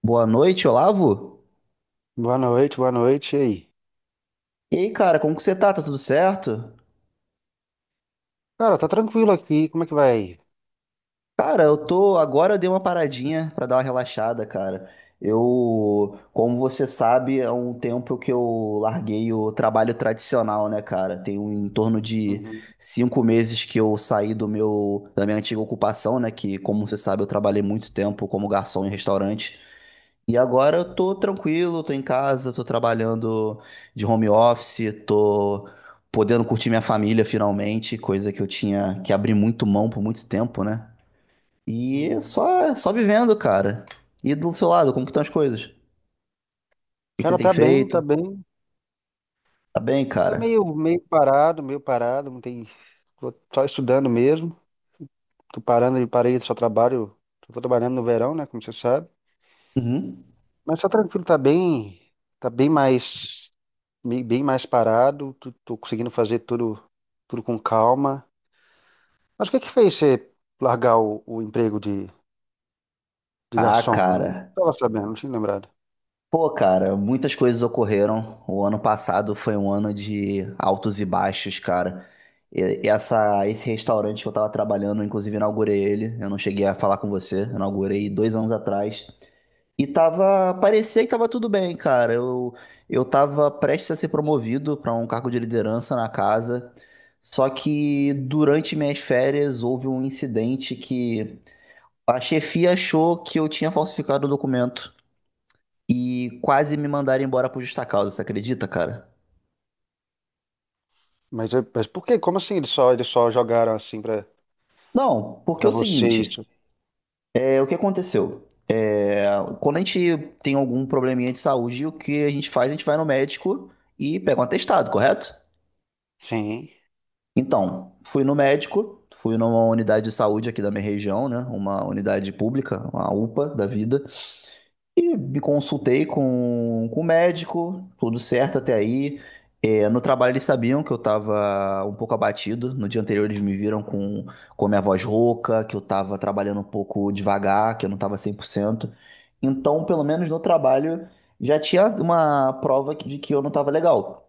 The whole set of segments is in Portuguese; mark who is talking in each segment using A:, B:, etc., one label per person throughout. A: Boa noite, Olavo.
B: Boa noite, boa noite. E aí?
A: E aí, cara, como que você tá? Tá tudo certo?
B: Cara, tá tranquilo aqui. Como é que vai? Aí?
A: Cara, eu tô. Agora eu dei uma paradinha pra dar uma relaxada, cara. Eu, como você sabe, há um tempo que eu larguei o trabalho tradicional, né, cara? Tem em torno de
B: Uhum,
A: 5 meses que eu saí da minha antiga ocupação, né? Que, como você sabe, eu trabalhei muito tempo como garçom em restaurante. E agora eu tô tranquilo, tô em casa, tô trabalhando de home office, tô podendo curtir minha família finalmente, coisa que eu tinha que abrir muito mão por muito tempo, né? E
B: uhum.
A: só, só vivendo, cara. E do seu lado, como que estão as coisas? O que que você
B: Cara,
A: tem
B: tá bem, tá
A: feito?
B: bem.
A: Tá bem,
B: Tá
A: cara?
B: meio parado, meio parado. Não tem. Tô só estudando mesmo. Tô parando de parei, só trabalho. Tô trabalhando no verão, né? Como você sabe.
A: Uhum.
B: Mas tá tranquilo, tá bem. Tá bem mais, bem mais parado. Tô conseguindo fazer tudo, tudo com calma. Mas o que que fez você largar o emprego de
A: Ah,
B: garçom? Eu não
A: cara.
B: tava sabendo, não tinha lembrado.
A: Pô, cara, muitas coisas ocorreram. O ano passado foi um ano de altos e baixos, cara. Esse restaurante que eu tava trabalhando, eu inclusive inaugurei ele. Eu não cheguei a falar com você, eu inaugurei 2 anos atrás. E tava, parecia que tava tudo bem, cara. Eu tava prestes a ser promovido para um cargo de liderança na casa. Só que durante minhas férias houve um incidente que a chefia achou que eu tinha falsificado o documento e quase me mandaram embora por justa causa, você acredita, cara?
B: Mas por quê? Como assim eles só jogaram assim pra,
A: Não, porque
B: pra
A: é o
B: você
A: seguinte.
B: isso?
A: É, o que aconteceu? É, quando a gente tem algum probleminha de saúde, o que a gente faz? A gente vai no médico e pega um atestado, correto?
B: Sim.
A: Então, fui no médico, fui numa unidade de saúde aqui da minha região, né? Uma unidade pública, uma UPA da vida. E me consultei com o médico, tudo certo até aí. É, no trabalho eles sabiam que eu estava um pouco abatido. No dia anterior eles me viram com a minha voz rouca, que eu estava trabalhando um pouco devagar, que eu não estava 100%. Então, pelo menos no trabalho, já tinha uma prova de que eu não estava legal.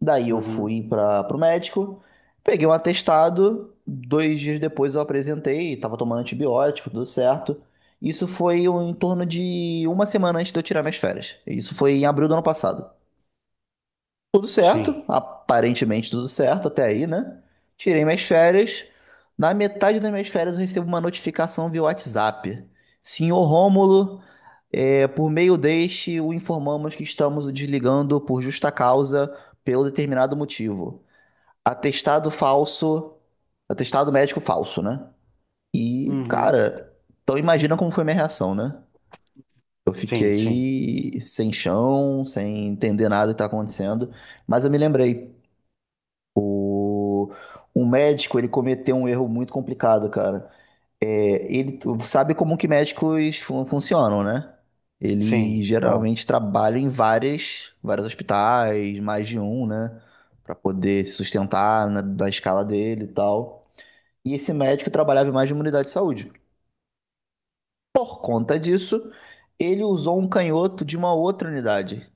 A: Daí eu
B: Uhum.
A: fui para o médico, peguei um atestado, 2 dias depois eu apresentei, estava tomando antibiótico, tudo certo. Isso foi em torno de uma semana antes de eu tirar minhas férias. Isso foi em abril do ano passado. Tudo
B: Sim.
A: certo, aparentemente tudo certo até aí, né? Tirei minhas férias. Na metade das minhas férias eu recebo uma notificação via WhatsApp. Senhor Rômulo, é, por meio deste o informamos que estamos o desligando por justa causa, pelo determinado motivo. Atestado falso. Atestado médico falso, né? E,
B: Uhum.
A: cara, então imagina como foi minha reação, né? Eu
B: Sim, sim.
A: fiquei sem chão, sem entender nada que tá acontecendo. Mas eu me lembrei, o, um médico, ele cometeu um erro muito complicado, cara. É, ele sabe como que médicos funcionam, né? Ele
B: Sim. Claro.
A: geralmente trabalha em vários hospitais, mais de um, né? Pra poder se sustentar da escala dele e tal. E esse médico trabalhava em mais de uma unidade de saúde. Por conta disso, ele usou um canhoto de uma outra unidade.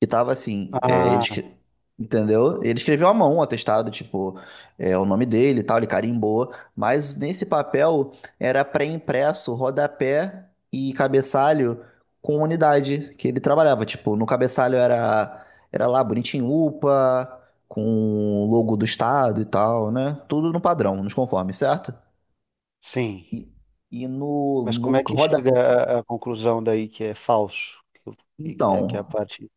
A: Que tava assim,
B: Ah,
A: entendeu? Ele escreveu à mão o atestado, tipo, o nome dele e tal, ele carimbou. Mas nesse papel era pré-impresso, rodapé e cabeçalho com unidade que ele trabalhava. Tipo, no cabeçalho era lá, bonitinho, UPA, com o logo do estado e tal, né? Tudo no padrão, nos conformes, certo?
B: sim.
A: E, e no,
B: Mas como
A: no
B: é que chega
A: rodapé.
B: à conclusão daí que é falso? Que, e que é a
A: Então,
B: parte.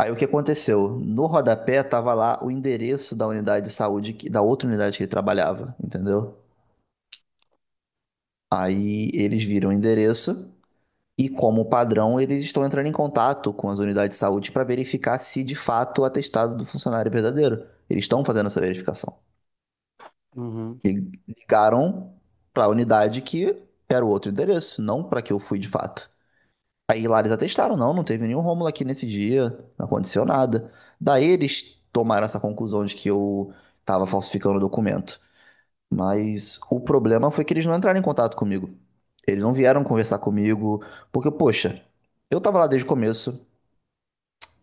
A: aí o que aconteceu? No rodapé tava lá o endereço da unidade de saúde, da outra unidade que ele trabalhava, entendeu? Aí eles viram o endereço e, como padrão, eles estão entrando em contato com as unidades de saúde para verificar se de fato o atestado do funcionário é verdadeiro. Eles estão fazendo essa verificação.
B: Uhum.
A: Ligaram para a unidade que era o outro endereço, não para que eu fui de fato. Aí lá eles atestaram, não, não teve nenhum Rômulo aqui nesse dia, não aconteceu nada. Daí eles tomaram essa conclusão de que eu tava falsificando o documento. Mas o problema foi que eles não entraram em contato comigo. Eles não vieram conversar comigo, porque, poxa, eu tava lá desde o começo,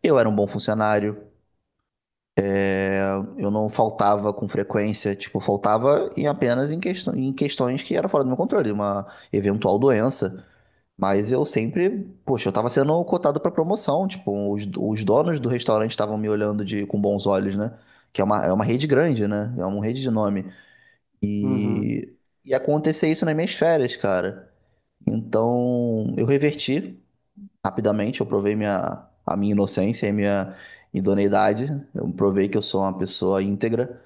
A: eu era um bom funcionário, é, eu não faltava com frequência, tipo, faltava em apenas em questões que eram fora do meu controle, uma eventual doença. Mas eu sempre, poxa, eu tava sendo cotado pra promoção, tipo, os donos do restaurante estavam me olhando com bons olhos, né? Que é uma rede grande, né? É uma rede de nome.
B: Uhum.
A: E, e acontecer isso nas minhas férias, cara. Então, eu reverti rapidamente, eu provei a minha inocência e minha idoneidade, eu provei que eu sou uma pessoa íntegra,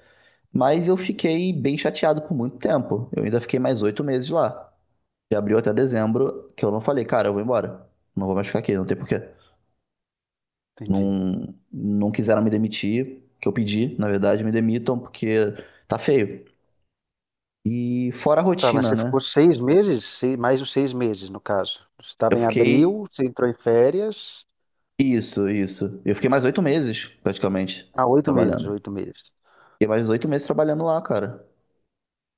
A: mas eu fiquei bem chateado por muito tempo. Eu ainda fiquei mais 8 meses lá, de abril até dezembro, que eu não falei, cara, eu vou embora. Não vou mais ficar aqui, não tem porquê.
B: Entendi.
A: Não, não quiseram me demitir, que eu pedi, na verdade, me demitam, porque tá feio. E fora a
B: Tá, mas
A: rotina,
B: você
A: né?
B: ficou 6 meses? Mais os 6 meses, no caso. Você
A: Eu
B: estava em
A: fiquei.
B: abril, você entrou em férias.
A: Isso, isso. Eu fiquei mais 8 meses, praticamente,
B: Ah, 8 meses,
A: trabalhando.
B: 8 meses.
A: Fiquei mais oito meses trabalhando lá, cara.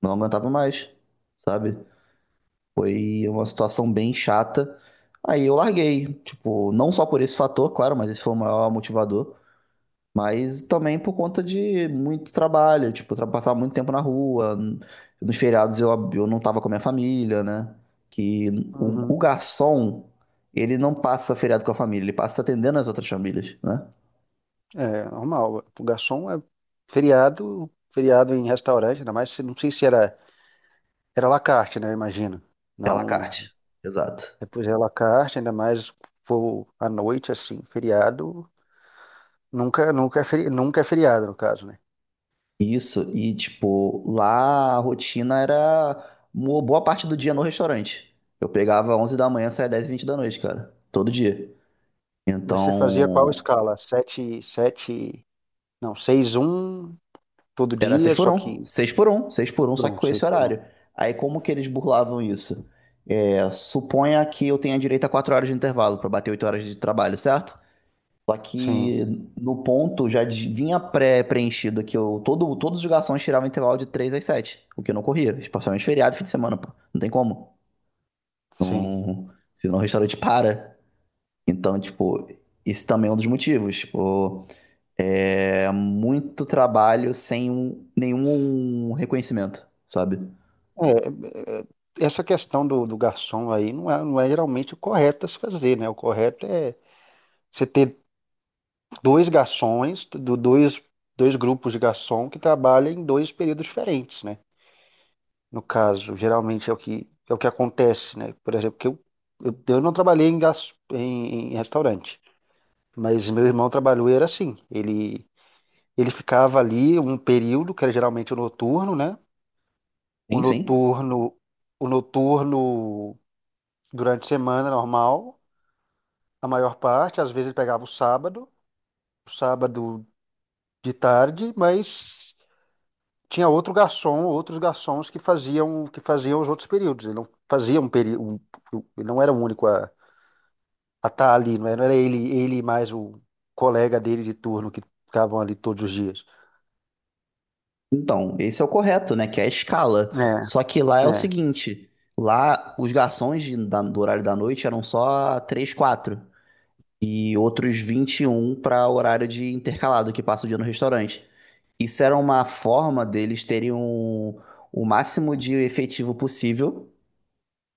A: Não aguentava mais, sabe? Foi uma situação bem chata. Aí eu larguei. Tipo, não só por esse fator, claro, mas esse foi o maior motivador. Mas também por conta de muito trabalho, tipo, passava muito tempo na rua. Nos feriados eu não estava com a minha família, né? Que o
B: Uhum.
A: garçom, ele não passa feriado com a família, ele passa atendendo as outras famílias, né?
B: É normal. O garçom é feriado, feriado em restaurante, ainda mais se não sei se era à la carte, né? Eu imagino.
A: É à la
B: Não,
A: carte. Exato.
B: depois é à la carte, ainda mais for à noite assim, feriado, nunca nunca é feriado no caso, né?
A: Isso, e tipo, lá a rotina era uma boa parte do dia no restaurante. Eu pegava 11h da manhã, saía 22h20, cara. Todo dia.
B: Mas você fazia qual
A: Então,
B: escala? Sete, sete, não, seis, um todo
A: era seis
B: dia,
A: por
B: só
A: um,
B: que
A: seis por um, seis por um, só que
B: pronto,
A: com esse
B: seis por um.
A: horário. Aí como que eles burlavam isso? É, suponha que eu tenha direito a 4 horas de intervalo para bater 8 horas de trabalho, certo? Só
B: Sim,
A: que no ponto já vinha pré-preenchido que todos os garçons tiravam intervalo de 3 às 7, o que não corria, especialmente feriado e fim de semana, pô. Não tem como.
B: sim.
A: Uhum. Senão o restaurante para. Então, tipo, esse também é um dos motivos. Tipo, é muito trabalho sem nenhum reconhecimento, sabe?
B: É, é, essa questão do garçom aí não é, geralmente o correto a se fazer, né? O correto é você ter dois garçons, dois grupos de garçom que trabalham em dois períodos diferentes, né? No caso, geralmente é o que acontece, né? Por exemplo, que eu não trabalhei em restaurante, mas meu irmão trabalhou e era assim. Ele ficava ali um período, que era geralmente o noturno, né? O
A: Sim, sim.
B: noturno, o noturno durante a semana normal, a maior parte, às vezes ele pegava o sábado, de tarde, mas tinha outro garçom, outros garçons que faziam os outros períodos. Ele não fazia um período, ele não era o único a estar ali, não era ele e mais o colega dele de turno que ficavam ali todos os dias.
A: Então, esse é o correto, né? Que é a escala. Só que lá é
B: É,
A: o
B: é,
A: seguinte: lá os garçons do horário da noite eram só 3, quatro. E outros 21 para horário de intercalado, que passa o dia no restaurante. Isso era uma forma deles terem o máximo de efetivo possível,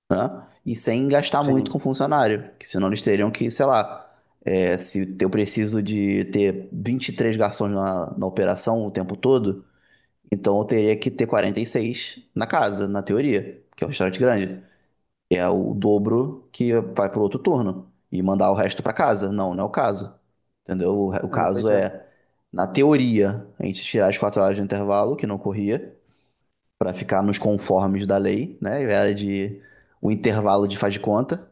A: né? E sem gastar muito
B: sim,
A: com funcionário. Que senão eles teriam que, sei lá. É, se eu preciso de ter 23 garçons na operação o tempo todo, então eu teria que ter 46 na casa, na teoria, que é um restaurante grande. É o dobro que vai pro outro turno e mandar o resto pra casa. Não, não é o caso. Entendeu? O
B: é,
A: caso
B: pois é,
A: é, na teoria, a gente tirar as 4 horas de intervalo, que não corria, pra ficar nos conformes da lei, né? Era de o intervalo de faz de conta.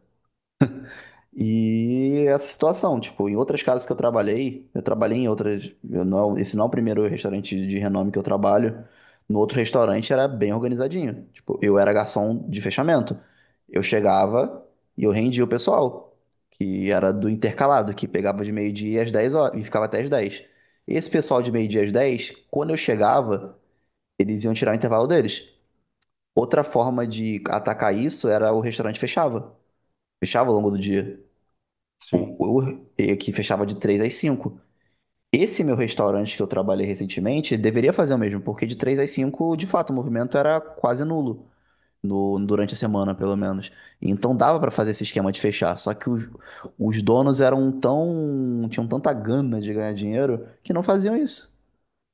A: E essa situação, tipo, em outras casas que eu trabalhei em outras, eu não, esse não é o primeiro restaurante de renome que eu trabalho. No outro restaurante era bem organizadinho. Tipo, eu era garçom de fechamento. Eu chegava e eu rendia o pessoal, que era do intercalado, que pegava de meio-dia às 10 horas e ficava até às dez. Esse pessoal de meio-dia às 10, quando eu chegava, eles iam tirar o intervalo deles. Outra forma de atacar isso era o restaurante fechava. Fechava ao longo do dia.
B: sim.
A: E que fechava de 3 às 5. Esse meu restaurante que eu trabalhei recentemente deveria fazer o mesmo, porque de 3 às 5, de fato, o movimento era quase nulo. No, durante a semana, pelo menos. Então dava pra fazer esse esquema de fechar. Só que os donos eram tão. Tinham tanta gana de ganhar dinheiro que não faziam isso.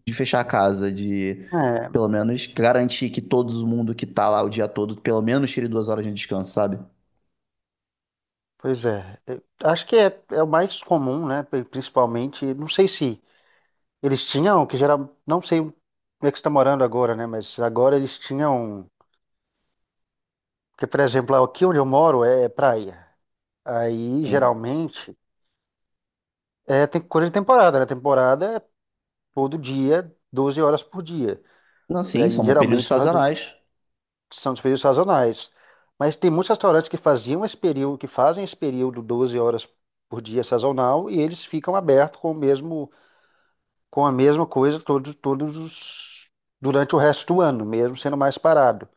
A: De fechar a casa, de
B: É,
A: pelo menos garantir que todo mundo que tá lá o dia todo, pelo menos tire 2 horas de descanso, sabe?
B: pois é. É, acho que é o mais comum, né? Principalmente, não sei se eles tinham, não sei como é que está morando agora, né? Mas agora eles tinham, porque, por exemplo, aqui onde eu moro é praia. Aí,
A: Sim.
B: geralmente, tem coisa de temporada, né? Temporada é todo dia, 12 horas por dia.
A: Não,
B: E
A: sim,
B: aí,
A: são períodos
B: geralmente,
A: sazonais.
B: são os períodos sazonais. Mas tem muitos restaurantes que faziam esse período, que fazem esse período 12 horas por dia sazonal e eles ficam abertos com o mesmo, com a mesma coisa durante o resto do ano, mesmo sendo mais parado.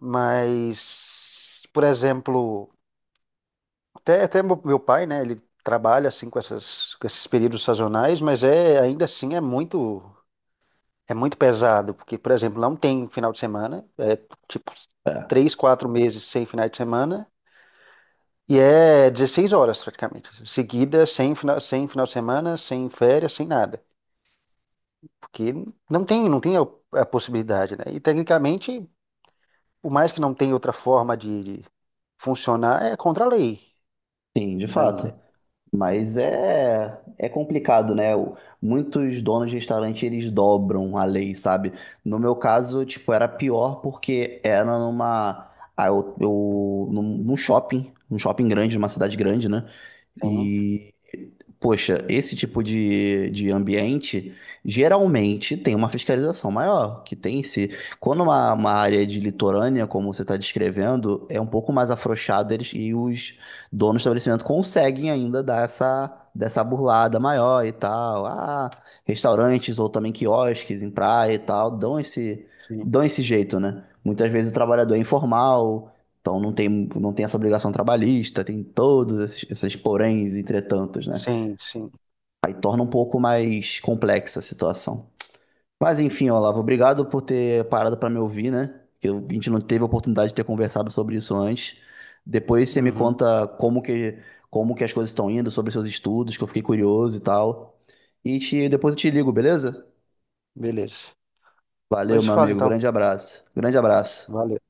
B: Mas, por exemplo, até meu pai, né? Ele trabalha assim com essas, com esses períodos sazonais, mas é ainda assim é muito pesado, porque, por exemplo, não tem final de semana, é tipo
A: É,
B: 3, 4 meses sem final de semana e é 16 horas praticamente, seguida sem final de semana, sem férias, sem nada, porque não tem a possibilidade, né? E tecnicamente, por mais que não tenha outra forma de funcionar, é contra a lei
A: sim, de fato.
B: ainda.
A: Mas é complicado, né? Muitos donos de restaurante, eles dobram a lei, sabe? No meu caso, tipo, era pior porque era numa... Ah, num shopping grande, numa cidade grande, né?
B: Sim,
A: E, poxa, esse tipo de ambiente, geralmente, tem uma fiscalização maior, que tem se... Quando uma área de litorânea, como você está descrevendo, é um pouco mais afrouxada, e os donos do estabelecimento conseguem ainda dar essa dessa burlada maior e tal. Ah, restaurantes ou também quiosques em praia e tal,
B: sim,
A: dão esse jeito, né? Muitas vezes o trabalhador é informal, então não tem essa obrigação trabalhista, tem todos esses poréns e entretantos, né?
B: sim,
A: Aí torna um pouco mais complexa a situação. Mas enfim, Olavo, obrigado por ter parado para me ouvir, né? Que a gente não teve a oportunidade de ter conversado sobre isso antes. Depois você me
B: sim.
A: conta como que as coisas estão indo, sobre seus estudos, que eu fiquei curioso e tal. E depois eu te ligo, beleza?
B: Beleza. Depois
A: Valeu,
B: a gente
A: meu
B: fala
A: amigo.
B: então.
A: Grande abraço. Grande abraço.
B: Valeu.